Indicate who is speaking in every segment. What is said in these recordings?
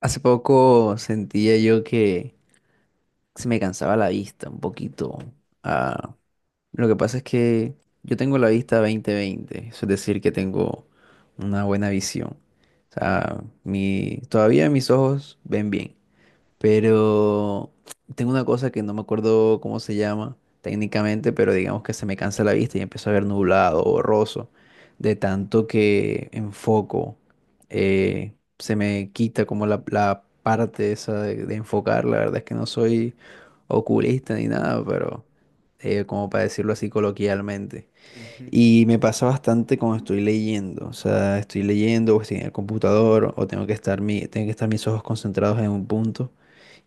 Speaker 1: Hace poco sentía yo que se me cansaba la vista un poquito. Ah, lo que pasa es que yo tengo la vista 20/20, eso es decir, que tengo una buena visión. O sea, todavía mis ojos ven bien, pero tengo una cosa que no me acuerdo cómo se llama técnicamente, pero digamos que se me cansa la vista y empiezo a ver nublado, borroso, de tanto que enfoco, se me quita como la parte esa de enfocar. La verdad es que no soy oculista ni nada, pero como para decirlo así coloquialmente.
Speaker 2: Ujú,
Speaker 1: Y me pasa bastante cuando estoy leyendo, o sea, estoy leyendo o estoy en el computador o tengo que estar mis ojos concentrados en un punto.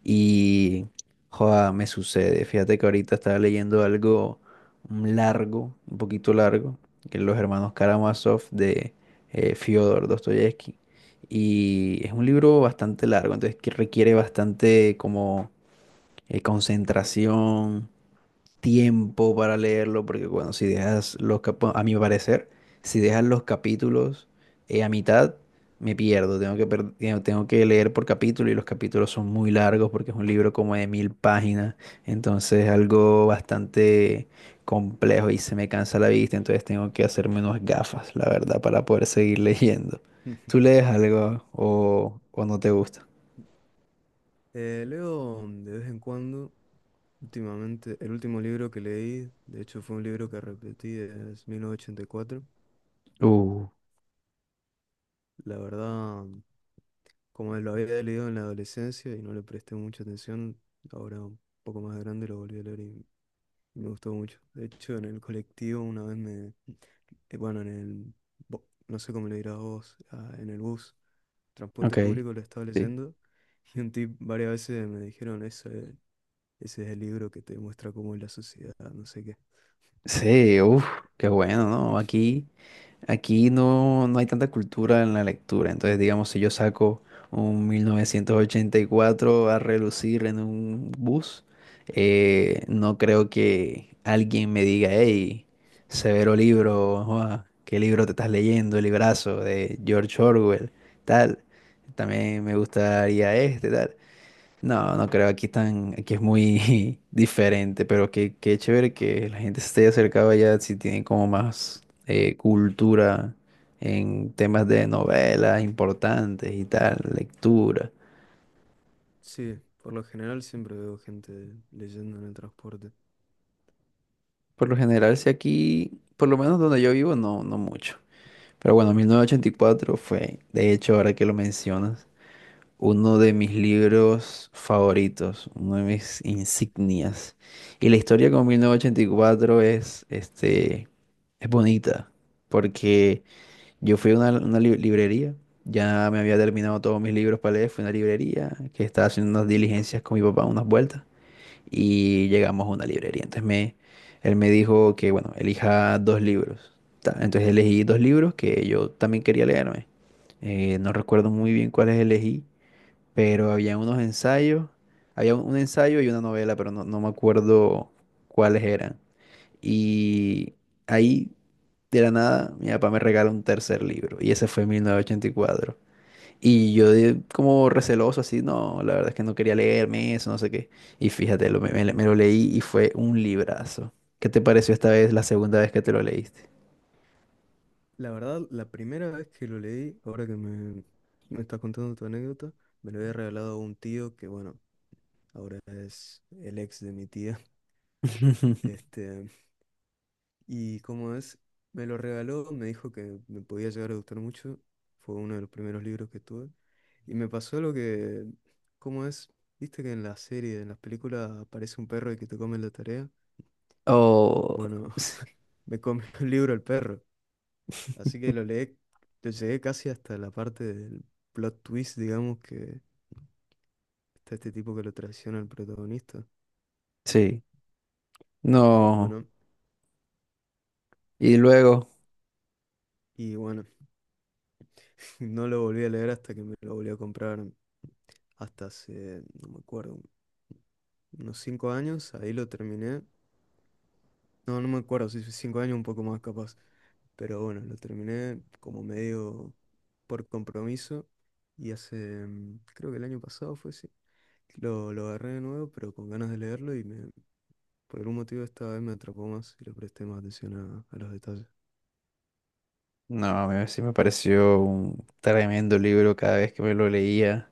Speaker 1: Y, joda, me sucede. Fíjate que ahorita estaba leyendo algo largo, un poquito largo, que los hermanos Karamazov de Fyodor Dostoyevsky. Y es un libro bastante largo, entonces que requiere bastante como concentración, tiempo para leerlo, porque bueno, si dejas los capítulos, a mi parecer, si dejas los capítulos a mitad, me pierdo, tengo que leer por capítulo y los capítulos son muy largos porque es un libro como de 1.000 páginas, entonces es algo bastante complejo y se me cansa la vista, entonces tengo que hacerme unas gafas, la verdad, para poder seguir leyendo.
Speaker 2: ujú.
Speaker 1: ¿Tú lees algo o no te gusta?
Speaker 2: Leo de vez en cuando, últimamente, el último libro que leí, de hecho fue un libro que repetí, es 1984.
Speaker 1: Uh,
Speaker 2: La verdad, como lo había leído en la adolescencia y no le presté mucha atención, ahora un poco más grande lo volví a leer y me gustó mucho. De hecho, en el colectivo una vez bueno, no sé cómo le dirás vos, ah, en el bus, transporte
Speaker 1: ok.
Speaker 2: público lo estaba
Speaker 1: Sí,
Speaker 2: leyendo. Y un tip varias veces me dijeron eso. Ese es el libro que te muestra cómo es la sociedad, no sé qué.
Speaker 1: sí, uff, qué bueno, ¿no? Aquí no, no hay tanta cultura en la lectura, entonces digamos si yo saco un 1984 a relucir en un bus, no creo que alguien me diga, hey, severo libro, joa, ¿qué libro te estás leyendo? El librazo de George Orwell, tal. También me gustaría este, tal. No, no creo, aquí es muy diferente, pero qué chévere que la gente se esté acercando allá si tienen como más cultura en temas de novelas importantes y tal, lectura.
Speaker 2: Sí, por lo general siempre veo gente leyendo en el transporte.
Speaker 1: Por lo general, si aquí, por lo menos donde yo vivo, no, no mucho. Pero bueno, 1984 fue, de hecho, ahora que lo mencionas. Uno de mis libros favoritos, uno de mis insignias. Y la historia con 1984 es, este, es bonita, porque yo fui a una librería, ya me había terminado todos mis libros para leer, fui a una librería que estaba haciendo unas diligencias con mi papá, unas vueltas, y llegamos a una librería. Entonces él me dijo que, bueno, elija dos libros. Ta, entonces elegí dos libros que yo también quería leerme. No recuerdo muy bien cuáles elegí, pero había unos ensayos, había un ensayo y una novela, pero no, no me acuerdo cuáles eran. Y ahí, de la nada, mi papá me regala un tercer libro, y ese fue en 1984. Y cuatro. Y yo como receloso, así, no, la verdad es que no quería leerme eso, no sé qué. Y fíjate, me lo leí y fue un librazo. ¿Qué te pareció esta vez, la segunda vez que te lo leíste?
Speaker 2: La verdad, la primera vez que lo leí, ahora que me estás contando tu anécdota, me lo había regalado un tío que, bueno, ahora es el ex de mi tía. Este, y como es, me lo regaló, me dijo que me podía llegar a gustar mucho. Fue uno de los primeros libros que tuve. Y me pasó lo que, como es, viste que en las series, en las películas aparece un perro y que te come la tarea.
Speaker 1: Oh,
Speaker 2: Bueno,
Speaker 1: sí,
Speaker 2: me comió el libro el perro. Así que lo leí, lo llegué casi hasta la parte del plot twist, digamos, que está este tipo que lo traiciona al protagonista.
Speaker 1: sí, no.
Speaker 2: Bueno,
Speaker 1: Y luego...
Speaker 2: y bueno, no lo volví a leer hasta que me lo volví a comprar hasta hace, no me acuerdo, unos 5 años, ahí lo terminé. No, no me acuerdo si fue 5 años, un poco más capaz. Pero bueno, lo terminé como medio por compromiso. Y hace, creo que el año pasado fue así. Lo agarré de nuevo, pero con ganas de leerlo y por algún motivo esta vez me atrapó más y le presté más atención a los detalles.
Speaker 1: No, a mí sí me pareció un tremendo libro cada vez que me lo leía.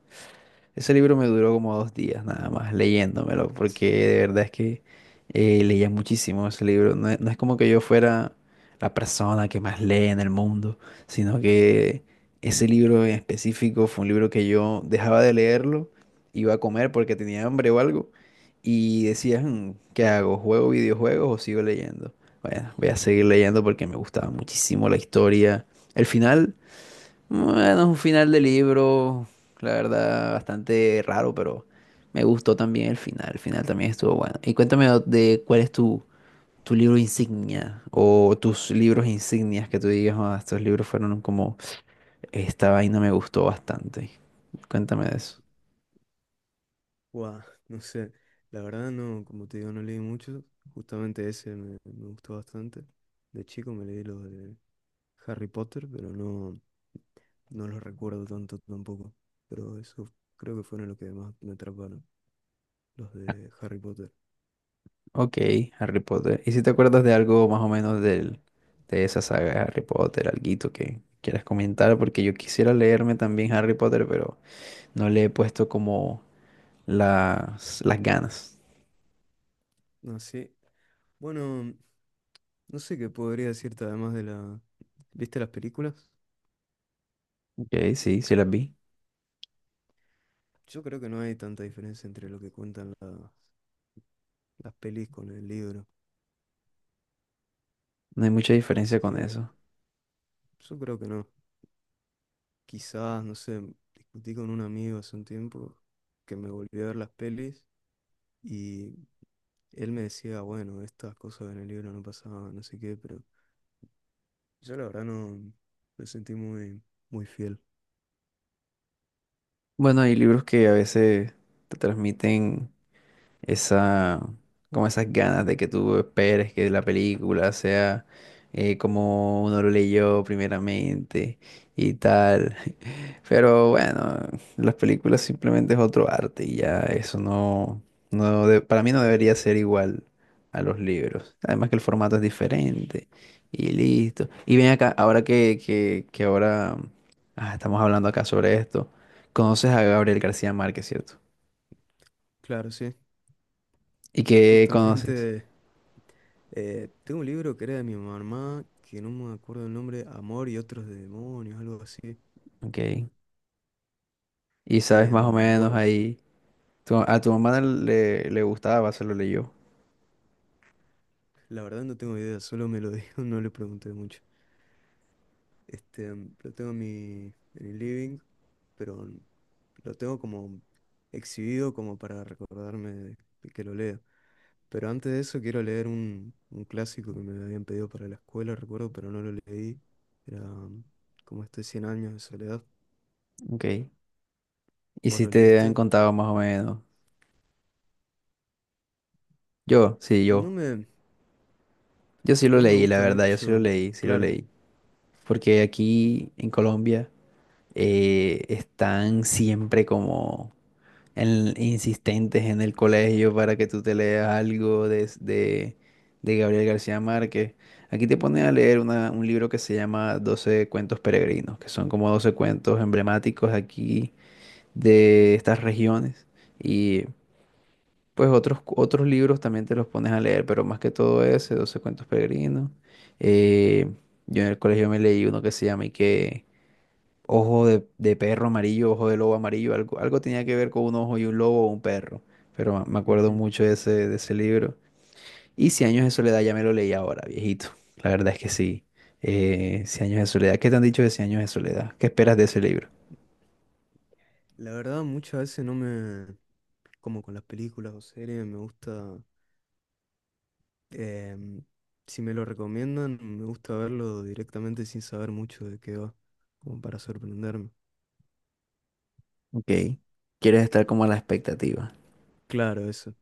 Speaker 1: Ese libro me duró como 2 días nada más leyéndomelo, porque de verdad es que leía muchísimo ese libro. No es como que yo fuera la persona que más lee en el mundo, sino que ese libro en específico fue un libro que yo dejaba de leerlo, iba a comer porque tenía hambre o algo, y decía, "Mm, ¿qué hago? ¿Juego videojuegos o sigo leyendo? Bueno, voy a seguir leyendo porque me gustaba muchísimo la historia". El final... Bueno, es un final de libro, la verdad, bastante raro, pero me gustó también el final. El final también estuvo bueno. Y cuéntame de cuál es tu libro insignia o tus libros insignias que tú digas, "Ah, estos libros fueron como, esta vaina me gustó bastante". Cuéntame de eso.
Speaker 2: Guau, no sé, la verdad no, como te digo, no leí mucho, justamente ese me gustó bastante. De chico me leí los de Harry Potter, pero no, no los recuerdo tanto tampoco. Pero eso creo que fueron los que más me atraparon, los
Speaker 1: Ah,
Speaker 2: de Harry Potter.
Speaker 1: ok, Harry Potter. ¿Y si te acuerdas de algo más o menos de esa saga de Harry Potter, alguito que quieras comentar? Porque yo quisiera leerme también Harry Potter, pero no le he puesto como las ganas.
Speaker 2: No sé, bueno, no sé qué podría decirte además de la... ¿Viste las películas?
Speaker 1: Ok, sí, sí las vi.
Speaker 2: Yo creo que no hay tanta diferencia entre lo que cuentan las pelis con el libro.
Speaker 1: No hay mucha
Speaker 2: Así
Speaker 1: diferencia con
Speaker 2: que
Speaker 1: eso.
Speaker 2: yo creo que no. Quizás, no sé, discutí con un amigo hace un tiempo que me volvió a ver las pelis. Y él me decía, bueno, estas cosas en el libro no pasaban, no sé qué, pero yo la verdad no me sentí muy, muy fiel.
Speaker 1: Bueno, hay libros que a veces te transmiten esa, como esas ganas de que tú esperes que la película sea como uno lo leyó primeramente y tal. Pero bueno, las películas simplemente es otro arte y ya eso no, para mí no
Speaker 2: Claro,
Speaker 1: debería ser igual a los libros. Además que el formato es diferente y listo. Y ven acá, ahora que estamos hablando acá sobre esto, conoces a Gabriel García Márquez, ¿cierto?
Speaker 2: claro, sí.
Speaker 1: ¿Y qué conoces?
Speaker 2: Justamente tengo un libro que era de mi mamá, que no me acuerdo el nombre, Amor y otros demonios, algo así.
Speaker 1: Ok. Y sabes más o menos
Speaker 2: Bueno,
Speaker 1: ahí. A tu mamá no le gustaba, se lo leyó.
Speaker 2: la verdad no tengo idea, solo me lo dijo, no le pregunté mucho. Este, lo tengo en el living, pero lo tengo como exhibido como para recordarme de que lo lea. Pero antes de eso quiero leer un clásico que me habían pedido para la escuela, recuerdo, pero no lo leí. Era como este Cien años de soledad.
Speaker 1: Ok. ¿Y
Speaker 2: ¿Vos
Speaker 1: si
Speaker 2: lo
Speaker 1: te han
Speaker 2: leíste?
Speaker 1: contado más o menos? Yo, sí,
Speaker 2: No
Speaker 1: yo.
Speaker 2: me,
Speaker 1: Yo sí lo
Speaker 2: no me
Speaker 1: leí, la
Speaker 2: gusta
Speaker 1: verdad, yo sí lo
Speaker 2: mucho,
Speaker 1: leí, sí lo
Speaker 2: claro.
Speaker 1: leí. Porque aquí en Colombia están siempre como insistentes en el colegio para que tú te leas algo de Gabriel García Márquez. Aquí te ponen a leer un libro que se llama Doce cuentos peregrinos, que son como 12 cuentos emblemáticos aquí de estas regiones. Y pues otros libros también te los pones a leer, pero más que todo ese, Doce cuentos peregrinos. Eh, yo en el colegio me leí uno que se llama y que Ojo de perro amarillo, ojo de lobo amarillo, algo tenía que ver con un ojo y un lobo o un perro, pero me acuerdo
Speaker 2: Ujú.
Speaker 1: mucho de ese libro. Y Cien años de soledad ya me lo leí ahora, viejito. La verdad es que sí. Cien años de soledad, ¿qué te han dicho de Cien años de soledad? ¿Qué esperas de ese libro?
Speaker 2: La verdad, muchas veces no me, como con las películas o series, me gusta, em, si me lo recomiendan, me gusta verlo directamente sin saber mucho de qué va, como para sorprenderme.
Speaker 1: Ok. Quieres estar como a la expectativa.
Speaker 2: Claro, eso,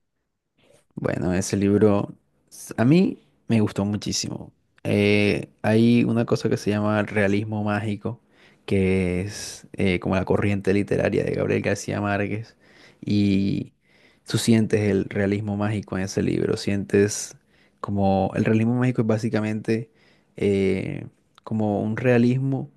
Speaker 1: Bueno, ese libro a mí me gustó muchísimo. Hay una cosa que se llama realismo mágico, que es como la corriente literaria de Gabriel García Márquez. Y tú sientes el realismo mágico en ese libro. Sientes como el realismo mágico es básicamente eh, como un realismo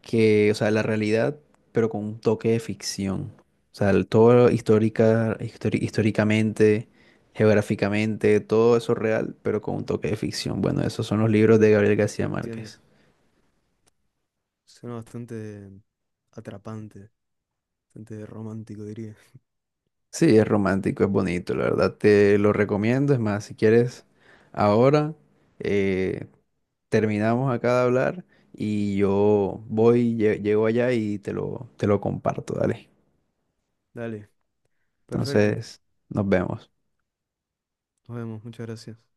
Speaker 1: que, o sea, la realidad, pero con un toque de ficción. O sea, todo históricamente, geográficamente, todo eso real, pero con un toque de ficción. Bueno, esos son los libros de Gabriel García
Speaker 2: lo entiendo.
Speaker 1: Márquez.
Speaker 2: Suena bastante atrapante. Bastante romántico, diría.
Speaker 1: Sí, es romántico, es bonito, la verdad te lo recomiendo. Es más, si quieres, ahora eh, terminamos acá de hablar y yo voy, llego allá y te lo comparto, dale.
Speaker 2: Dale, perfecto.
Speaker 1: Entonces, nos vemos.
Speaker 2: Nos vemos, muchas gracias.